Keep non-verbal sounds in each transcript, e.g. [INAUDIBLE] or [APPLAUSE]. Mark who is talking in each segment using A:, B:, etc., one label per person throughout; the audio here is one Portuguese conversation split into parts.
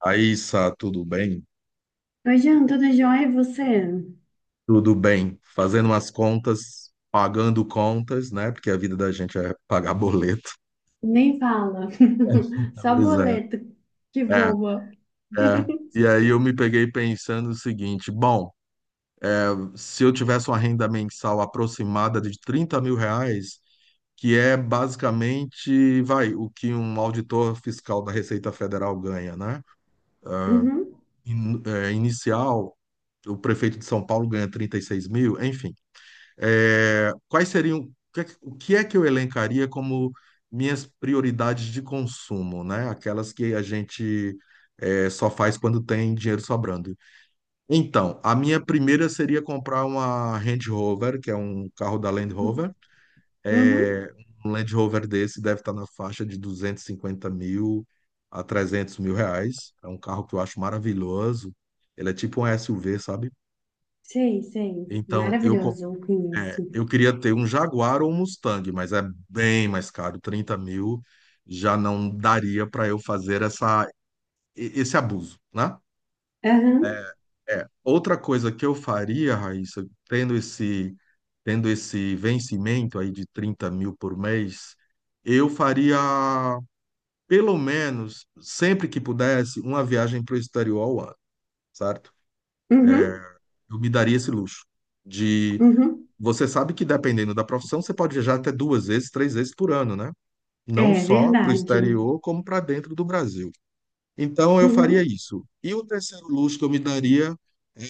A: Aí, Sá, tudo bem?
B: Oi, Jean, tudo jóia? E você?
A: Tudo bem. Fazendo umas contas, pagando contas, né? Porque a vida da gente é pagar boleto.
B: Nem fala. [LAUGHS]
A: [LAUGHS]
B: Só
A: Pois é.
B: boleto que
A: É,
B: voa.
A: é.
B: [LAUGHS]
A: E aí eu me peguei pensando o seguinte: bom, se eu tivesse uma renda mensal aproximada de 30 mil reais, que é basicamente, vai, o que um auditor fiscal da Receita Federal ganha, né?
B: Uhum.
A: Inicial, o prefeito de São Paulo ganha 36 mil. Enfim. É, quais seriam, o que é que eu elencaria como minhas prioridades de consumo, né? Aquelas que a gente só faz quando tem dinheiro sobrando. Então, a minha primeira seria comprar uma Range Rover, que é um carro da Land Rover.
B: Uhum.
A: Um Land Rover desse deve estar na faixa de 250 mil a 300 mil reais. É um carro que eu acho maravilhoso. Ele é tipo um SUV, sabe?
B: Sei, sei.
A: Então,
B: Maravilhoso, eu conheço.
A: Eu queria ter um Jaguar ou um Mustang, mas é bem mais caro. 30 mil já não daria para eu fazer esse abuso, né?
B: Aham.
A: É. Outra coisa que eu faria, Raíssa, tendo esse vencimento aí de 30 mil por mês, eu faria, pelo menos, sempre que pudesse, uma viagem para o exterior ao ano, certo?
B: Uhum.
A: Eu me daria esse luxo de...
B: Uhum.
A: Você sabe que dependendo da profissão, você pode viajar até 2 vezes, 3 vezes por ano, né? Não
B: É
A: só para o
B: verdade.
A: exterior, como para dentro do Brasil. Então, eu faria
B: Uhum.
A: isso. E o terceiro luxo que eu me daria é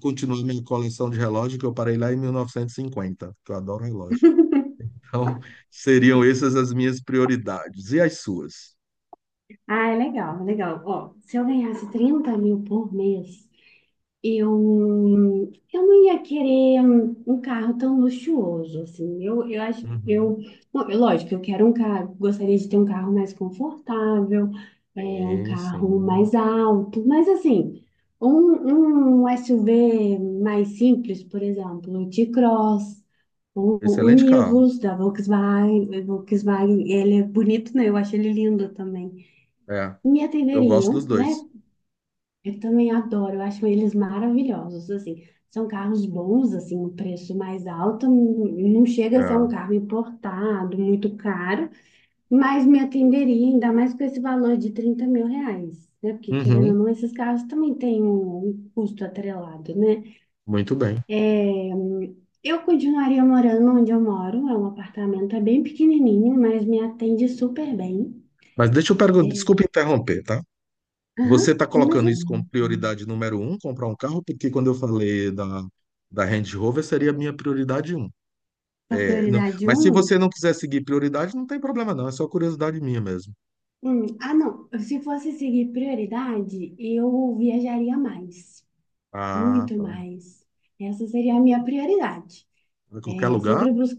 A: continuar minha coleção de relógio, que eu parei lá em 1950, que eu adoro relógio. Então, seriam essas as minhas prioridades. E as suas?
B: Ah, é legal, é legal. Ó, se eu ganhasse 30 mil por mês, eu não ia querer um carro tão luxuoso, assim. Eu acho,
A: Uhum.
B: bom, é lógico, eu quero um carro, gostaria de ter um carro mais confortável, é, um
A: Sim,
B: carro
A: sim.
B: mais alto, mas assim, um SUV mais simples, por exemplo, o T-Cross, o, o
A: Excelente carro.
B: Nivus da Volkswagen, Volkswagen, ele é bonito, né? Eu acho ele lindo também,
A: É,
B: me
A: eu gosto dos
B: atenderiam, né?
A: dois.
B: Eu também adoro, eu acho eles maravilhosos, assim. São carros bons, assim, um preço mais alto, não chega a ser um
A: É.
B: carro importado, muito caro, mas me atenderia, ainda mais com esse valor de R$ 30 mil, né? Porque, querendo ou
A: Uhum.
B: não, esses carros também têm um custo atrelado, né?
A: Muito bem.
B: É, eu continuaria morando onde eu moro, é um apartamento, é bem pequenininho, mas me atende super bem.
A: Mas deixa eu perguntar,
B: É,
A: desculpa interromper, tá?
B: aham,
A: Você está colocando
B: imagina,
A: isso como prioridade número um, comprar um carro, porque quando eu falei da Range Rover, seria a minha prioridade um.
B: a
A: É,
B: prioridade
A: mas se você
B: um.
A: não quiser seguir prioridade, não tem problema não, é só curiosidade minha mesmo.
B: Ah, não. Se fosse seguir prioridade, eu viajaria mais,
A: Ah,
B: muito
A: tá.
B: mais. Essa seria a minha prioridade.
A: Em qualquer
B: É,
A: lugar?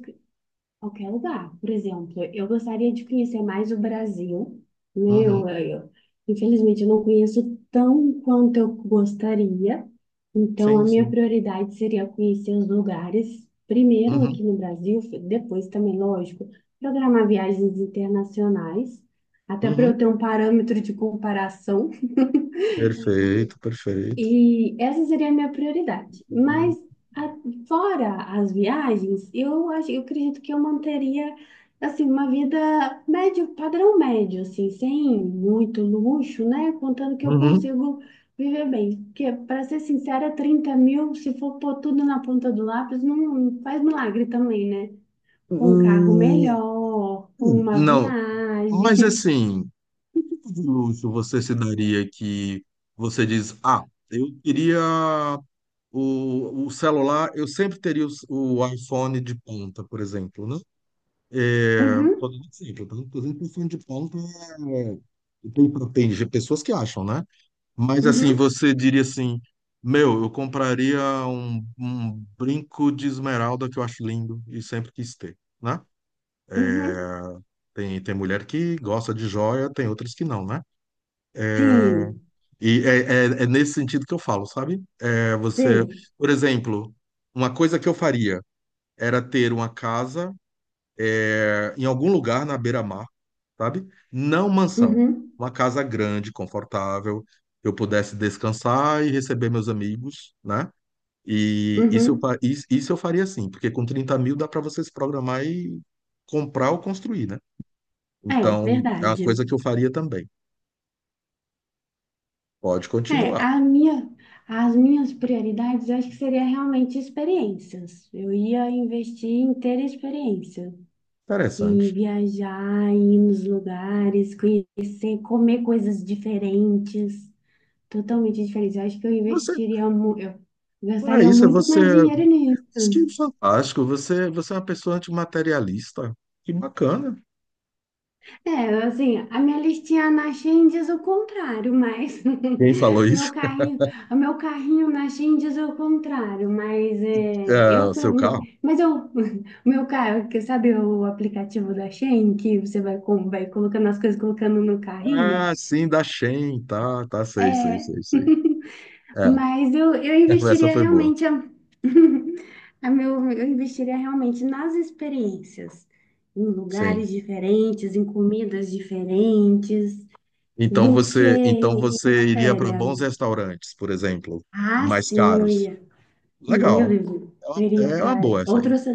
B: qualquer lugar. Por exemplo, eu gostaria de conhecer mais o Brasil, né?
A: Uhum,
B: Infelizmente, eu não conheço tão quanto eu gostaria. Então,
A: sim,
B: a minha
A: sim.
B: prioridade seria conhecer os lugares, primeiro
A: Uhum,
B: aqui no Brasil, depois também, lógico, programar viagens internacionais, até para eu
A: uhum.
B: ter um parâmetro de comparação. [LAUGHS]
A: Perfeito, perfeito.
B: E essa seria a minha prioridade. Mas a- fora as viagens, eu acredito que eu manteria assim uma vida médio, padrão médio, assim, sem muito luxo, né? Contando que eu
A: Uhum.
B: consigo viver bem. Porque, para ser sincera, 30 mil, se for pôr tudo na ponta do lápis, não faz milagre também, né? Com um carro
A: Hum,
B: melhor, com uma
A: não, mas
B: viagem.
A: assim, que tipo de luxo você se daria que você diz, ah, eu queria o celular, eu sempre teria o iPhone de ponta, por exemplo, né?
B: [LAUGHS]
A: É, tô
B: Uhum,
A: dando exemplo, tá? Por exemplo o iPhone de ponta é, tem, tem pessoas que acham, né? Mas assim,
B: uhum,
A: você diria assim, meu, eu compraria um brinco de esmeralda que eu acho lindo e sempre quis ter, né?
B: uhum.
A: Tem mulher que gosta de joia, tem outras que não, né?
B: Sim,
A: E é, é nesse sentido que eu falo, sabe? É, você,
B: sei.
A: por exemplo, uma coisa que eu faria, era ter uma casa em algum lugar na beira-mar, sabe? Não mansão.
B: Uhum,
A: Uma casa grande, confortável, que eu pudesse descansar e receber meus amigos, né? E isso
B: uhum.
A: isso eu faria sim, porque com 30 mil dá para você se programar e comprar ou construir, né?
B: É
A: Então, é uma
B: verdade.
A: coisa que eu faria também. Pode
B: É,
A: continuar.
B: as minhas prioridades eu acho que seria realmente experiências. Eu ia investir em ter experiência, em
A: Interessante.
B: viajar, em ir nos lugares, conhecer, comer coisas diferentes, totalmente diferentes. Eu acho que eu
A: Você,
B: investiria, eu
A: é
B: gastaria
A: isso,
B: muito
A: você,
B: mais dinheiro nisso.
A: isso que é fantástico. Você é uma pessoa antimaterialista. Que bacana.
B: É, assim, a minha listinha na Shein diz o contrário, mas
A: Quem falou
B: [LAUGHS] meu
A: isso?
B: carrinho, o meu carrinho na Shein diz o contrário, mas é,
A: É,
B: eu,
A: o seu carro?
B: mas eu, [LAUGHS] meu carro, que sabe o aplicativo da Shein que você vai, vai colocando as coisas colocando no carrinho?
A: Ah, sim, da Shein, tá, tá, sei, sei,
B: É,
A: sei, sei. É,
B: mas eu
A: [LAUGHS] essa
B: investiria
A: foi boa,
B: realmente a, [LAUGHS] eu investiria realmente nas experiências, em
A: sim.
B: lugares diferentes, em comidas diferentes. Do que
A: Então
B: em
A: você iria para
B: matéria.
A: bons restaurantes, por exemplo,
B: Ah,
A: mais
B: sim, eu
A: caros.
B: ia. Sim, eu
A: Legal,
B: iria,
A: é
B: eu iria
A: é uma
B: para
A: boa essa aí.
B: outros,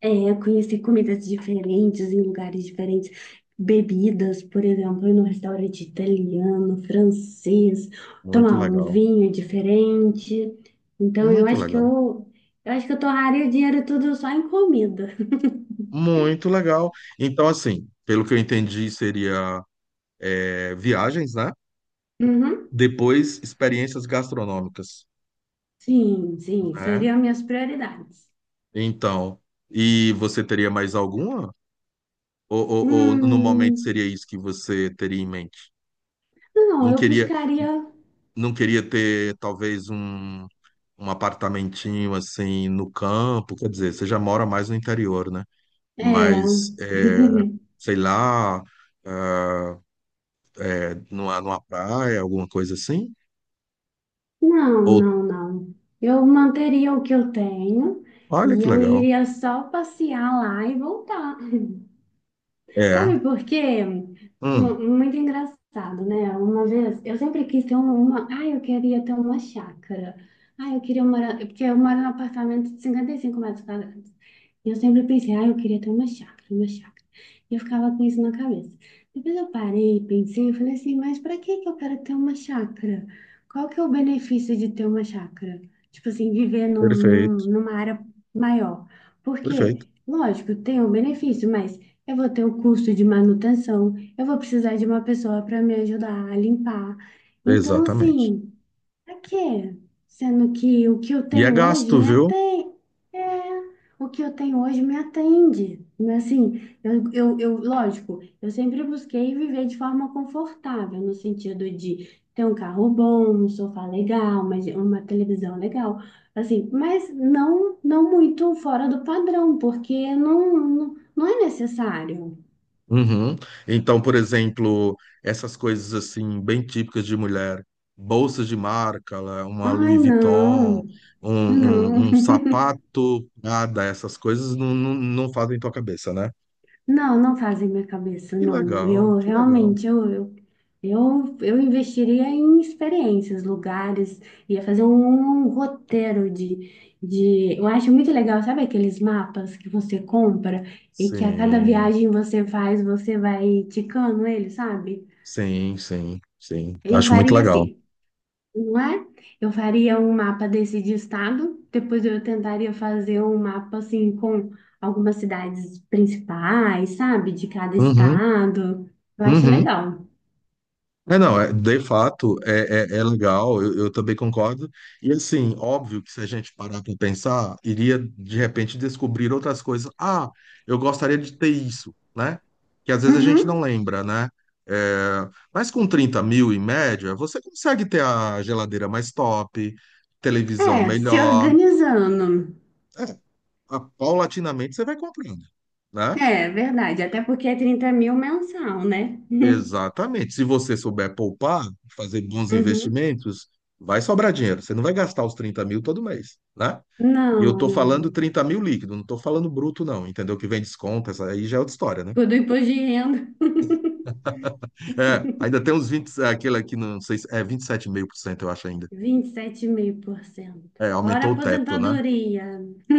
B: conhecer comidas diferentes em lugares diferentes, bebidas, por exemplo, ir num restaurante italiano, francês,
A: Muito
B: tomar um
A: legal,
B: vinho diferente. Então, eu
A: muito
B: acho que
A: legal,
B: eu, eu acho que eu torraria o dinheiro tudo só em comida.
A: muito legal. Então, assim, pelo que eu entendi, seria viagens, né?
B: Uhum.
A: Depois, experiências gastronômicas,
B: Sim, sim,
A: né?
B: seriam minhas prioridades.
A: Então, e você teria mais alguma? Ou no momento
B: Hum,
A: seria isso que você teria em mente?
B: não,
A: Não
B: eu
A: queria,
B: buscaria.
A: não queria ter talvez um apartamentinho assim no campo, quer dizer, você já mora mais no interior, né?
B: É.
A: Mas, é,
B: [LAUGHS]
A: sei lá, é, numa praia, alguma coisa assim?
B: Não,
A: Ou,
B: não, não. Eu manteria o que eu tenho
A: olha
B: e
A: que
B: eu
A: legal.
B: iria só passear lá e voltar.
A: É,
B: Sabe por quê? É.
A: hum,
B: Muito engraçado, né? Uma vez, eu sempre quis ter. Ai, eu queria ter uma chácara. Ai, eu queria morar... Porque eu moro num apartamento de 55 metros quadrados. E eu sempre pensei, ai, eu queria ter uma chácara, uma chácara. E eu ficava com isso na cabeça. Depois eu parei, pensei, eu falei assim, mas para que que eu quero ter uma chácara? Qual que é o benefício de ter uma chácara? Tipo assim, viver
A: perfeito,
B: numa área maior.
A: perfeito,
B: Porque, lógico, tem um benefício, mas eu vou ter o custo de manutenção, eu vou precisar de uma pessoa para me ajudar a limpar. Então,
A: exatamente.
B: assim. Pra quê? Sendo que o que eu
A: E é
B: tenho hoje
A: gasto,
B: me
A: viu?
B: atende. É, o que eu tenho hoje me atende. Mas, assim, lógico, eu sempre busquei viver de forma confortável, no sentido de ter um carro bom, um sofá legal, uma televisão legal, assim, mas não muito fora do padrão, porque não, não, não é necessário.
A: Uhum. Então, por exemplo, essas coisas assim bem típicas de mulher, bolsas de marca, lá, uma
B: Ai,
A: Louis Vuitton,
B: não, não.
A: um sapato, nada, essas coisas não, não, não fazem tua cabeça, né?
B: Não, não fazem minha cabeça,
A: Que
B: não.
A: legal,
B: Eu
A: que legal.
B: realmente, eu investiria em experiências, lugares, ia fazer um roteiro. Eu acho muito legal, sabe aqueles mapas que você compra e que a cada
A: Sim,
B: viagem você faz, você vai ticando ele, sabe?
A: sim, sim, sim.
B: Eu
A: Acho muito
B: faria
A: legal.
B: assim. Não é? Eu faria um mapa desse de estado, depois eu tentaria fazer um mapa assim com algumas cidades principais, sabe? De cada
A: Uhum,
B: estado. Eu acho
A: uhum.
B: legal.
A: É, não, é, de fato, é legal, eu também concordo. E assim, óbvio que se a gente parar para pensar, iria de repente descobrir outras coisas. Ah, eu gostaria de ter isso, né? Que às vezes a gente não
B: Uhum.
A: lembra, né? É, mas com 30 mil em média, você consegue ter a geladeira mais top, televisão
B: É, se
A: melhor.
B: organizando.
A: É, paulatinamente você vai comprando, né?
B: É, verdade. Até porque é 30 mil mensal, né? [LAUGHS]
A: Exatamente. Se você souber poupar, fazer bons
B: Uhum.
A: investimentos, vai sobrar dinheiro. Você não vai gastar os 30 mil todo mês, né? E eu
B: Não,
A: tô falando
B: não.
A: 30 mil líquido, não tô falando bruto, não, entendeu? Que vem desconto, essa aí já é outra história, né?
B: Tudo imposto de renda.
A: É, ainda tem uns 20, aquele aqui, não sei se é 27,5% eu acho ainda.
B: 27,5%.
A: É,
B: Fora a
A: aumentou o teto, né?
B: aposentadoria.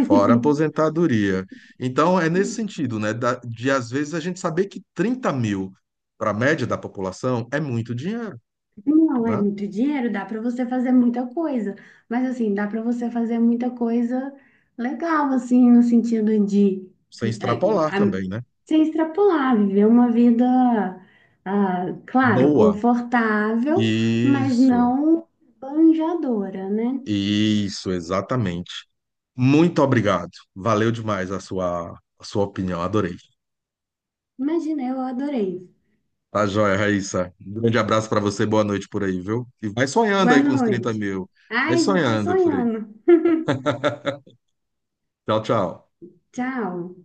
A: Fora a aposentadoria. Então, é nesse sentido, né? De às vezes a gente saber que 30 mil para a média da população é muito dinheiro,
B: Não é
A: né?
B: muito dinheiro, dá para você fazer muita coisa, mas assim, dá para você fazer muita coisa legal, assim, no sentido de
A: Sem
B: eh,
A: extrapolar
B: a-
A: também, né?
B: se extrapolar, viver uma vida, ah, claro,
A: Boa.
B: confortável, mas
A: Isso,
B: não banjadora, né?
A: isso, exatamente. Muito obrigado. Valeu demais a sua opinião, adorei.
B: Imagina, eu adorei.
A: Tá joia, Raíssa. Um grande abraço pra você, boa noite por aí, viu? E vai sonhando
B: Boa
A: aí com os 30
B: noite.
A: mil. Vai
B: Ai, já tô
A: sonhando por aí.
B: sonhando.
A: [LAUGHS] Tchau, tchau.
B: Tchau.